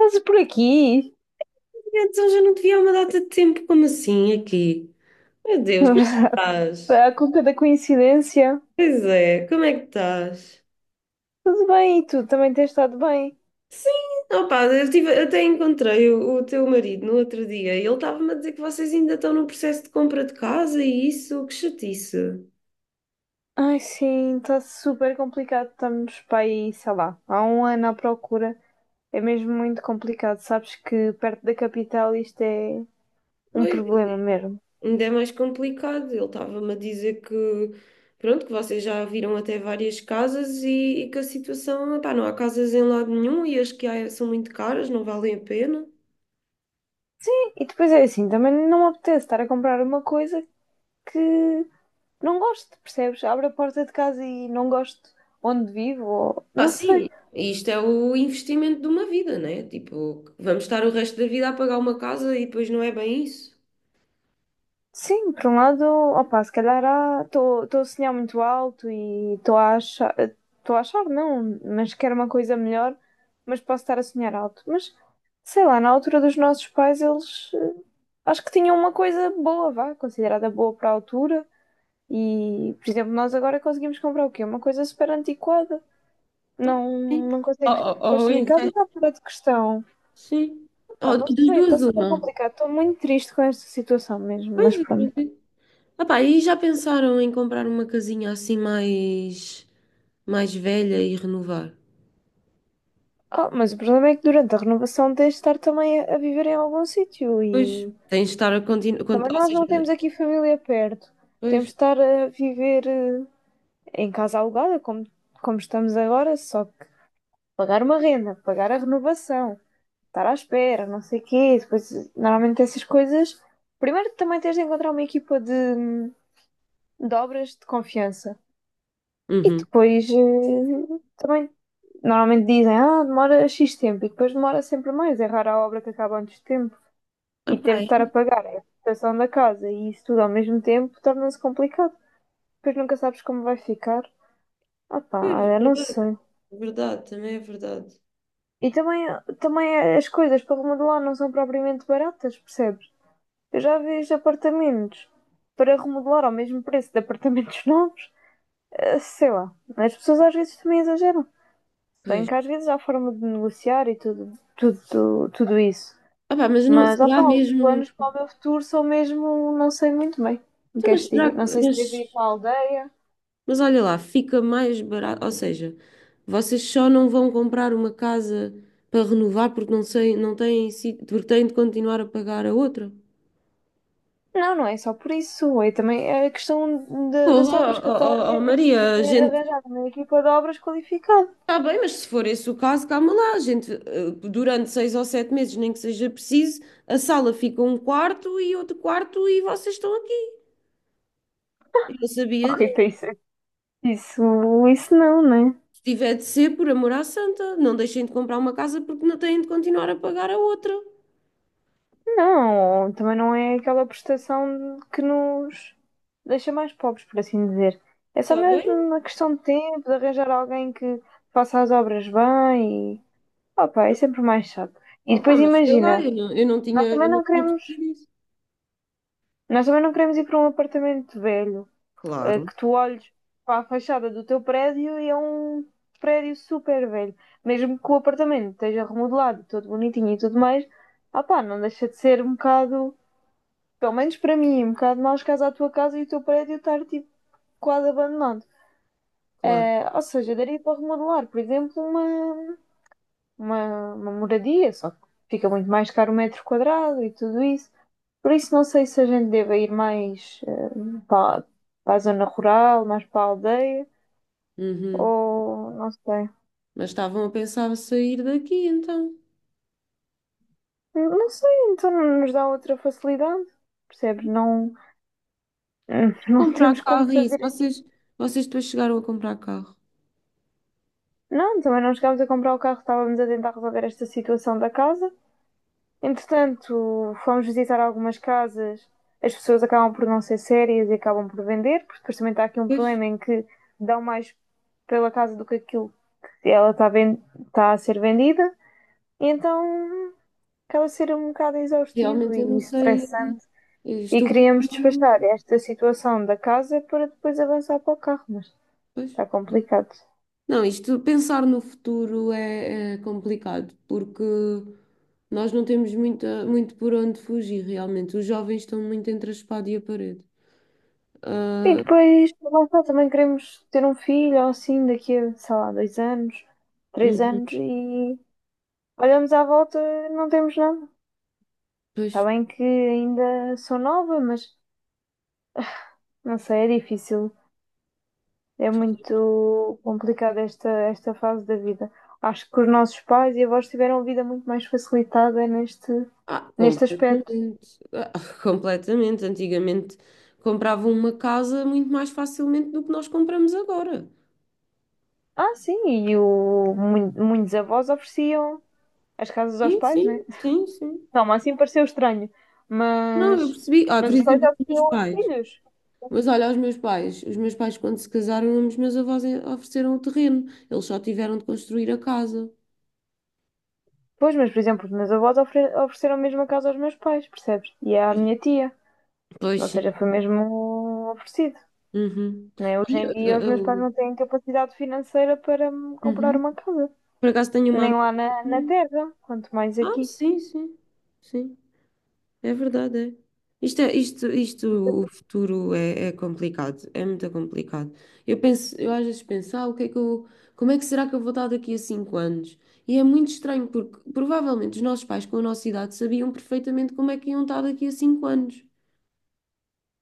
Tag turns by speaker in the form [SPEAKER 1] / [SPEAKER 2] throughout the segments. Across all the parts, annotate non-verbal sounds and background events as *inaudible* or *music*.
[SPEAKER 1] Estás por aqui?
[SPEAKER 2] Então já não te vi há uma data de tempo, como assim aqui? Meu Deus, como é que
[SPEAKER 1] *laughs*
[SPEAKER 2] estás?
[SPEAKER 1] A conta da coincidência.
[SPEAKER 2] Pois é, como é que estás?
[SPEAKER 1] Tudo bem, e tu também tens estado bem?
[SPEAKER 2] Sim, opá, eu tive, até encontrei o teu marido no outro dia e ele estava-me a dizer que vocês ainda estão no processo de compra de casa e isso, que chatice.
[SPEAKER 1] Ai, sim, está super complicado. Estamos para aí, sei lá, há um ano à procura. É mesmo muito complicado. Sabes que perto da capital isto é um
[SPEAKER 2] Pois,
[SPEAKER 1] problema mesmo.
[SPEAKER 2] ainda é mais complicado. Ele estava-me a dizer que, pronto, que vocês já viram até várias casas e que a situação, opá, não há casas em lado nenhum e as que há são muito caras, não valem a pena.
[SPEAKER 1] E depois é assim, também não me apetece estar a comprar uma coisa que não gosto, percebes? Abro a porta de casa e não gosto onde vivo, ou
[SPEAKER 2] Ah,
[SPEAKER 1] não sei.
[SPEAKER 2] sim, isto é o investimento de uma vida, né? Tipo, vamos estar o resto da vida a pagar uma casa e depois não é bem isso?
[SPEAKER 1] Sim, por um lado, opa, se calhar estou a sonhar muito alto e estou a achar não, mas quero uma coisa melhor, mas posso estar a sonhar alto. Mas sei lá, na altura dos nossos pais, eles acho que tinham uma coisa boa, vá, considerada boa para a altura. E, por exemplo, nós agora conseguimos comprar o quê? Uma coisa super antiquada. Não,
[SPEAKER 2] Sim.
[SPEAKER 1] não
[SPEAKER 2] Ou,
[SPEAKER 1] consegues
[SPEAKER 2] ou, ou
[SPEAKER 1] construir casa,
[SPEAKER 2] investe,
[SPEAKER 1] está fora de questão.
[SPEAKER 2] sim.
[SPEAKER 1] Opa,
[SPEAKER 2] Ou
[SPEAKER 1] não
[SPEAKER 2] das
[SPEAKER 1] sei, está
[SPEAKER 2] duas,
[SPEAKER 1] super
[SPEAKER 2] uma.
[SPEAKER 1] complicado. Estou muito triste com esta situação mesmo, mas
[SPEAKER 2] Pois é. pois
[SPEAKER 1] pronto.
[SPEAKER 2] é. Ah, pá, e já pensaram em comprar uma casinha assim mais velha e renovar?
[SPEAKER 1] Ah, mas o problema é que durante a renovação tens de estar também a viver em algum sítio
[SPEAKER 2] Pois.
[SPEAKER 1] e
[SPEAKER 2] Tens de estar a continuar.
[SPEAKER 1] também
[SPEAKER 2] Ou
[SPEAKER 1] nós
[SPEAKER 2] seja,
[SPEAKER 1] não temos aqui família perto. Temos
[SPEAKER 2] pois.
[SPEAKER 1] de estar a viver em casa alugada, como estamos agora, só que pagar uma renda, pagar a renovação, estar à espera, não sei o quê. Depois, normalmente essas coisas. Primeiro também tens de encontrar uma equipa de obras de confiança. E
[SPEAKER 2] Uhum.
[SPEAKER 1] depois também normalmente dizem, ah, demora X tempo e depois demora sempre mais, é rara a obra que acaba antes de tempo.
[SPEAKER 2] Ah,
[SPEAKER 1] E
[SPEAKER 2] pá,
[SPEAKER 1] ter de estar a pagar a reputação da casa e isso tudo ao mesmo tempo torna-se complicado. Depois nunca sabes como vai ficar. Ah pá,
[SPEAKER 2] pois,
[SPEAKER 1] olha, não
[SPEAKER 2] verdade,
[SPEAKER 1] sei.
[SPEAKER 2] verdade, também é verdade.
[SPEAKER 1] E também as coisas para remodelar não são propriamente baratas, percebes? Eu já vejo apartamentos para remodelar ao mesmo preço de apartamentos *laughs* novos. Sei lá, as pessoas às vezes também exageram. Bem
[SPEAKER 2] Pois.
[SPEAKER 1] que às vezes há forma de negociar e tudo, tudo, tudo isso.
[SPEAKER 2] Ah, pá, mas não,
[SPEAKER 1] Mas, opá,
[SPEAKER 2] será
[SPEAKER 1] os
[SPEAKER 2] mesmo.
[SPEAKER 1] planos para o meu futuro são mesmo, não sei muito bem. Não
[SPEAKER 2] Então, mas
[SPEAKER 1] queres que
[SPEAKER 2] será
[SPEAKER 1] diga? Não
[SPEAKER 2] que.
[SPEAKER 1] sei se devo ir para a aldeia.
[SPEAKER 2] Mas olha lá, fica mais barato. Ou seja, vocês só não vão comprar uma casa para renovar porque não sei, não têm, porque têm de continuar a pagar a outra.
[SPEAKER 1] Não, não é só por isso. É também a questão das obras
[SPEAKER 2] Porra,
[SPEAKER 1] que eu
[SPEAKER 2] oh,
[SPEAKER 1] estava a
[SPEAKER 2] oh, oh,
[SPEAKER 1] dizer.
[SPEAKER 2] Maria,
[SPEAKER 1] Devo
[SPEAKER 2] a gente.
[SPEAKER 1] arranjar uma equipa de obras qualificada.
[SPEAKER 2] Está bem, mas se for esse o caso, calma lá. A gente, durante seis ou sete meses, nem que seja preciso, a sala fica um quarto e outro quarto e vocês estão aqui. Eu não sabia
[SPEAKER 1] Ok, para
[SPEAKER 2] disso.
[SPEAKER 1] isso, isso, isso não, né?
[SPEAKER 2] Se tiver de ser, por amor à santa, não deixem de comprar uma casa porque não têm de continuar a pagar a outra.
[SPEAKER 1] Não, também não é aquela prestação que nos deixa mais pobres, por assim dizer. É só
[SPEAKER 2] Está
[SPEAKER 1] mesmo
[SPEAKER 2] bem?
[SPEAKER 1] uma questão de tempo, de arranjar alguém que faça as obras bem e. Opa, é sempre mais chato. E
[SPEAKER 2] Opa,
[SPEAKER 1] depois
[SPEAKER 2] mas sei lá,
[SPEAKER 1] imagina,
[SPEAKER 2] eu não
[SPEAKER 1] nós
[SPEAKER 2] tinha,
[SPEAKER 1] também
[SPEAKER 2] eu não
[SPEAKER 1] não
[SPEAKER 2] tinha
[SPEAKER 1] queremos,
[SPEAKER 2] percebido isso.
[SPEAKER 1] nós também não queremos ir para um apartamento velho,
[SPEAKER 2] Claro,
[SPEAKER 1] que tu olhes para a fachada do teu prédio e é um prédio super velho. Mesmo que o apartamento esteja remodelado, todo bonitinho e tudo mais, opa, não deixa de ser um bocado pelo menos para mim, um bocado mais caso à tua casa e o teu prédio estar tipo quase abandonado.
[SPEAKER 2] claro.
[SPEAKER 1] Ou seja, daria para remodelar, por exemplo, uma moradia, só que fica muito mais caro o metro quadrado e tudo isso. Por isso não sei se a gente deve ir mais para, para a zona rural, mais para a aldeia,
[SPEAKER 2] Uhum.
[SPEAKER 1] ou não sei.
[SPEAKER 2] Mas estavam a pensar sair daqui, então.
[SPEAKER 1] Não sei, então não nos dá outra facilidade, percebes? Não, *laughs*
[SPEAKER 2] E
[SPEAKER 1] não
[SPEAKER 2] comprar
[SPEAKER 1] temos como
[SPEAKER 2] carro e isso.
[SPEAKER 1] fazer.
[SPEAKER 2] Vocês depois chegaram a comprar carro.
[SPEAKER 1] Não, também não chegámos a comprar o carro, estávamos a tentar resolver esta situação da casa. Entretanto, fomos visitar algumas casas, as pessoas acabam por não ser sérias e acabam por vender, porque depois também está aqui um
[SPEAKER 2] Pois,
[SPEAKER 1] problema em que dão mais pela casa do que aquilo que ela está, está a ser vendida, e então acaba a ser um bocado exaustivo
[SPEAKER 2] realmente eu
[SPEAKER 1] e
[SPEAKER 2] não sei.
[SPEAKER 1] estressante.
[SPEAKER 2] Eu
[SPEAKER 1] E
[SPEAKER 2] estou.
[SPEAKER 1] queríamos despachar esta situação da casa para depois avançar para o carro, mas
[SPEAKER 2] Pois.
[SPEAKER 1] está complicado.
[SPEAKER 2] Não, isto, pensar no futuro é, é complicado, porque nós não temos muita, muito por onde fugir, realmente. Os jovens estão muito entre a espada e a parede.
[SPEAKER 1] E
[SPEAKER 2] Ah,
[SPEAKER 1] depois, lá está, também queremos ter um filho ou assim daqui a, sei lá, 2 anos, três
[SPEAKER 2] uhum,
[SPEAKER 1] anos e olhamos à volta e não temos nada. Está
[SPEAKER 2] pois.
[SPEAKER 1] bem que ainda sou nova, mas não sei, é difícil. É muito complicada esta fase da vida. Acho que os nossos pais e avós tiveram a vida muito mais facilitada neste,
[SPEAKER 2] Ah,
[SPEAKER 1] neste aspecto.
[SPEAKER 2] completamente. Ah, *laughs* completamente. Antigamente compravam uma casa muito mais facilmente do que nós compramos agora.
[SPEAKER 1] Ah, sim, e muitos avós ofereciam as casas aos
[SPEAKER 2] Sim,
[SPEAKER 1] pais, né?
[SPEAKER 2] sim, sim, sim.
[SPEAKER 1] Toma, assim pareceu estranho,
[SPEAKER 2] Não, eu
[SPEAKER 1] mas,
[SPEAKER 2] percebi. Ah, por
[SPEAKER 1] mas os pais
[SPEAKER 2] exemplo,
[SPEAKER 1] já
[SPEAKER 2] os meus
[SPEAKER 1] ofereciam aos
[SPEAKER 2] pais.
[SPEAKER 1] filhos.
[SPEAKER 2] Mas olha, os meus pais. Os meus pais, quando se casaram, os meus avós ofereceram o terreno. Eles só tiveram de construir a casa.
[SPEAKER 1] Pois, mas por exemplo, os meus avós ofereceram mesmo a casa aos meus pais, percebes? E é à minha tia.
[SPEAKER 2] Pois
[SPEAKER 1] Ou
[SPEAKER 2] sim.
[SPEAKER 1] seja, foi mesmo oferecido.
[SPEAKER 2] Uhum.
[SPEAKER 1] Né? Hoje em
[SPEAKER 2] Olha,
[SPEAKER 1] dia os meus pais
[SPEAKER 2] eu-
[SPEAKER 1] não têm capacidade financeira para me comprar
[SPEAKER 2] Uhum.
[SPEAKER 1] uma casa.
[SPEAKER 2] Por acaso tenho uma
[SPEAKER 1] Nem lá na
[SPEAKER 2] amiga.
[SPEAKER 1] terra, quanto mais
[SPEAKER 2] Ah,
[SPEAKER 1] aqui.
[SPEAKER 2] sim, sim. Sim. É verdade, é. Isto, isto, isto, o futuro é, é complicado, é muito complicado. Eu penso, eu às vezes penso, ah, o que é que eu, como é que será que eu vou estar daqui a cinco anos? E é muito estranho porque provavelmente os nossos pais com a nossa idade sabiam perfeitamente como é que iam estar daqui a cinco anos.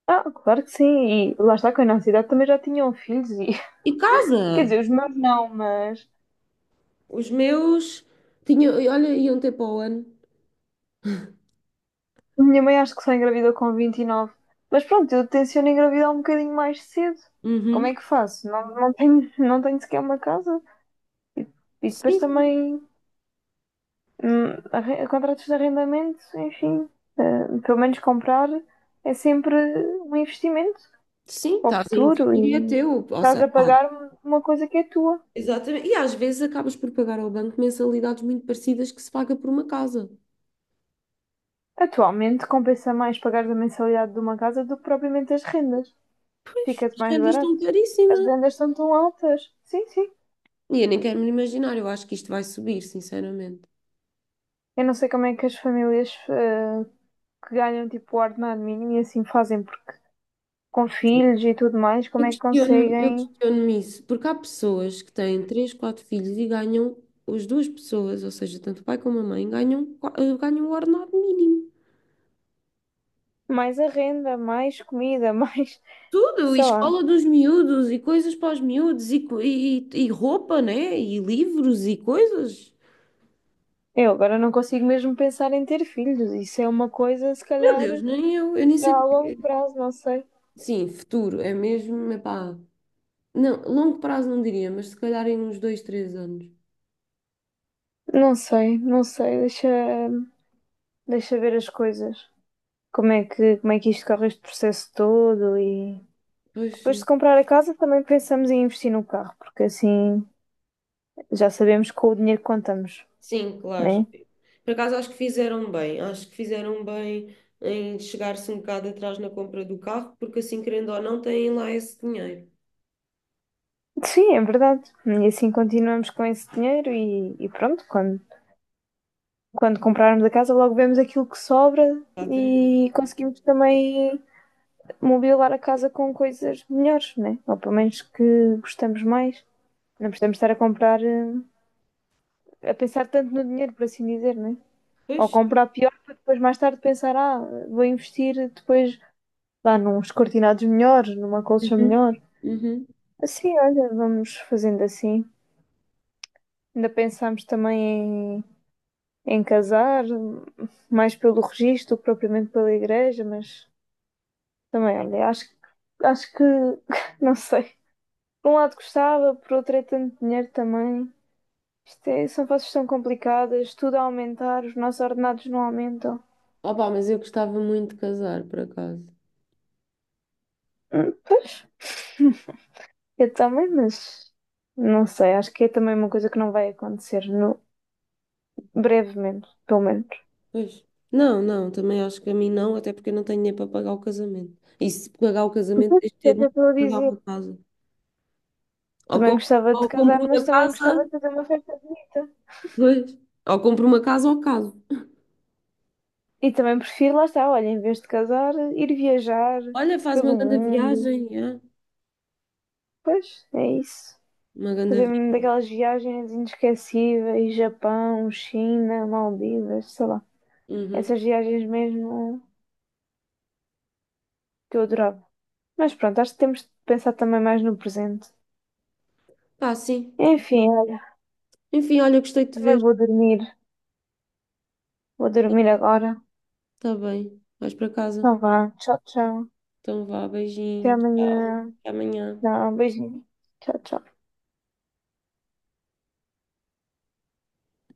[SPEAKER 1] Ah, claro que sim. E lá está, com a nossa idade também já tinham filhos. E...
[SPEAKER 2] E
[SPEAKER 1] *laughs* Quer
[SPEAKER 2] casa!
[SPEAKER 1] dizer, os meus não, mas
[SPEAKER 2] Os meus tinham, olha, iam ter para o ano.
[SPEAKER 1] minha mãe acho que só engravidou com 29, mas pronto, eu tenciono engravidar um bocadinho mais cedo. Como
[SPEAKER 2] Uhum.
[SPEAKER 1] é que faço? Não, não tenho, não tenho sequer uma casa. E, e depois
[SPEAKER 2] Sim, sim,
[SPEAKER 1] também contratos de arrendamento, enfim. Pelo menos comprar é sempre um investimento
[SPEAKER 2] sim,
[SPEAKER 1] para o
[SPEAKER 2] estás a
[SPEAKER 1] futuro
[SPEAKER 2] investir e é
[SPEAKER 1] e
[SPEAKER 2] teu. Ou
[SPEAKER 1] estás
[SPEAKER 2] seja,
[SPEAKER 1] a
[SPEAKER 2] pá,
[SPEAKER 1] pagar uma coisa que é tua.
[SPEAKER 2] exatamente. E às vezes acabas por pagar ao banco mensalidades muito parecidas que se paga por uma casa.
[SPEAKER 1] Atualmente compensa mais pagar a mensalidade de uma casa do que propriamente as rendas.
[SPEAKER 2] Pois.
[SPEAKER 1] Fica-te
[SPEAKER 2] As
[SPEAKER 1] mais
[SPEAKER 2] rendas estão
[SPEAKER 1] barato. As
[SPEAKER 2] caríssimas.
[SPEAKER 1] rendas estão tão altas. Sim, sim.
[SPEAKER 2] E eu nem quero me imaginar, eu acho que isto vai subir, sinceramente.
[SPEAKER 1] Eu não sei como é que as famílias que ganham tipo o ordenado mínimo e assim fazem, porque com filhos e tudo mais, como
[SPEAKER 2] Eu
[SPEAKER 1] é que
[SPEAKER 2] questiono, eu
[SPEAKER 1] conseguem
[SPEAKER 2] questiono-me isso, porque há pessoas que têm três, quatro filhos e ganham, as duas pessoas, ou seja, tanto o pai como a mãe, ganham, ganham o ordenado mínimo.
[SPEAKER 1] mais a renda, mais comida, mais. *laughs*
[SPEAKER 2] Tudo, e
[SPEAKER 1] Sei lá.
[SPEAKER 2] escola dos miúdos, e coisas para os miúdos, e roupa, né? E livros, e coisas.
[SPEAKER 1] Eu agora não consigo mesmo pensar em ter filhos. Isso é uma coisa, se
[SPEAKER 2] Meu
[SPEAKER 1] calhar,
[SPEAKER 2] Deus,
[SPEAKER 1] já
[SPEAKER 2] nem eu, eu nem sei.
[SPEAKER 1] a longo prazo, não sei.
[SPEAKER 2] Sim, futuro, é mesmo, epá. Não, longo prazo não diria, mas se calhar em uns dois, três anos.
[SPEAKER 1] Não sei, não sei. Deixa, deixa ver as coisas. Como é que isto corre este processo todo e.
[SPEAKER 2] Pois
[SPEAKER 1] Depois de
[SPEAKER 2] sim.
[SPEAKER 1] comprar a casa, também pensamos em investir no carro, porque assim já sabemos com o dinheiro que contamos.
[SPEAKER 2] Sim, claro.
[SPEAKER 1] Né?
[SPEAKER 2] Por acaso acho que fizeram bem em chegar-se um bocado atrás na compra do carro, porque assim, querendo ou não, têm lá esse dinheiro.
[SPEAKER 1] Sim, é verdade. E assim continuamos com esse dinheiro e pronto, quando comprarmos a casa, logo vemos aquilo que sobra
[SPEAKER 2] Exatamente.
[SPEAKER 1] e conseguimos também mobilar a casa com coisas melhores, né? Ou pelo menos que gostamos mais. Não precisamos estar a comprar, a pensar tanto no dinheiro, por assim dizer, né? Ou
[SPEAKER 2] Pois,
[SPEAKER 1] comprar pior para depois mais tarde pensar, ah, vou investir depois lá nos cortinados melhores, numa colcha
[SPEAKER 2] uhum.
[SPEAKER 1] melhor.
[SPEAKER 2] Uhum.
[SPEAKER 1] Assim, olha, vamos fazendo assim. Ainda pensámos também em casar, mais pelo registro do que propriamente pela igreja, mas também, olha, acho que, *laughs* não sei. Por um lado gostava, por outro é tanto dinheiro também. Isto é- são fases tão complicadas, tudo a aumentar, os nossos ordenados não aumentam.
[SPEAKER 2] Opá, mas eu gostava muito de casar, por acaso.
[SPEAKER 1] Pois, eu também, mas não sei, acho que é também uma coisa que não vai acontecer no, brevemente, pelo menos.
[SPEAKER 2] Pois. Não, não, também acho que a mim não, até porque eu não tenho dinheiro para pagar o casamento. E se pagar o casamento,
[SPEAKER 1] Pois,
[SPEAKER 2] tens de
[SPEAKER 1] é
[SPEAKER 2] ter
[SPEAKER 1] o que eu
[SPEAKER 2] dinheiro
[SPEAKER 1] estou a
[SPEAKER 2] para pagar
[SPEAKER 1] dizer.
[SPEAKER 2] uma casa. Ou,
[SPEAKER 1] Também
[SPEAKER 2] co-
[SPEAKER 1] gostava
[SPEAKER 2] ou
[SPEAKER 1] de casar,
[SPEAKER 2] compro
[SPEAKER 1] mas
[SPEAKER 2] uma
[SPEAKER 1] também
[SPEAKER 2] casa,
[SPEAKER 1] gostava de fazer uma festa bonita.
[SPEAKER 2] pois. Ou compro uma casa ou caso.
[SPEAKER 1] E também prefiro, lá está, olha, em vez de casar, ir viajar
[SPEAKER 2] Olha, faz uma
[SPEAKER 1] pelo
[SPEAKER 2] grande
[SPEAKER 1] mundo.
[SPEAKER 2] viagem, é?
[SPEAKER 1] Pois, é isso.
[SPEAKER 2] Uma grande
[SPEAKER 1] Fazer mesmo
[SPEAKER 2] viagem.
[SPEAKER 1] daquelas viagens inesquecíveis, Japão, China, Maldivas, sei lá.
[SPEAKER 2] Uhum.
[SPEAKER 1] Essas viagens mesmo que eu adorava. Mas pronto, acho que temos de pensar também mais no presente.
[SPEAKER 2] Pá, sim.
[SPEAKER 1] Enfim, olha,
[SPEAKER 2] Enfim, olha, gostei de te
[SPEAKER 1] também
[SPEAKER 2] ver.
[SPEAKER 1] vou dormir. Vou dormir agora.
[SPEAKER 2] Está bem. Vais para casa.
[SPEAKER 1] Então vá, tchau, tchau.
[SPEAKER 2] Então vá,
[SPEAKER 1] Até
[SPEAKER 2] beijinho. Tchau.
[SPEAKER 1] amanhã.
[SPEAKER 2] Até amanhã.
[SPEAKER 1] Não, beijinho. Tchau, tchau.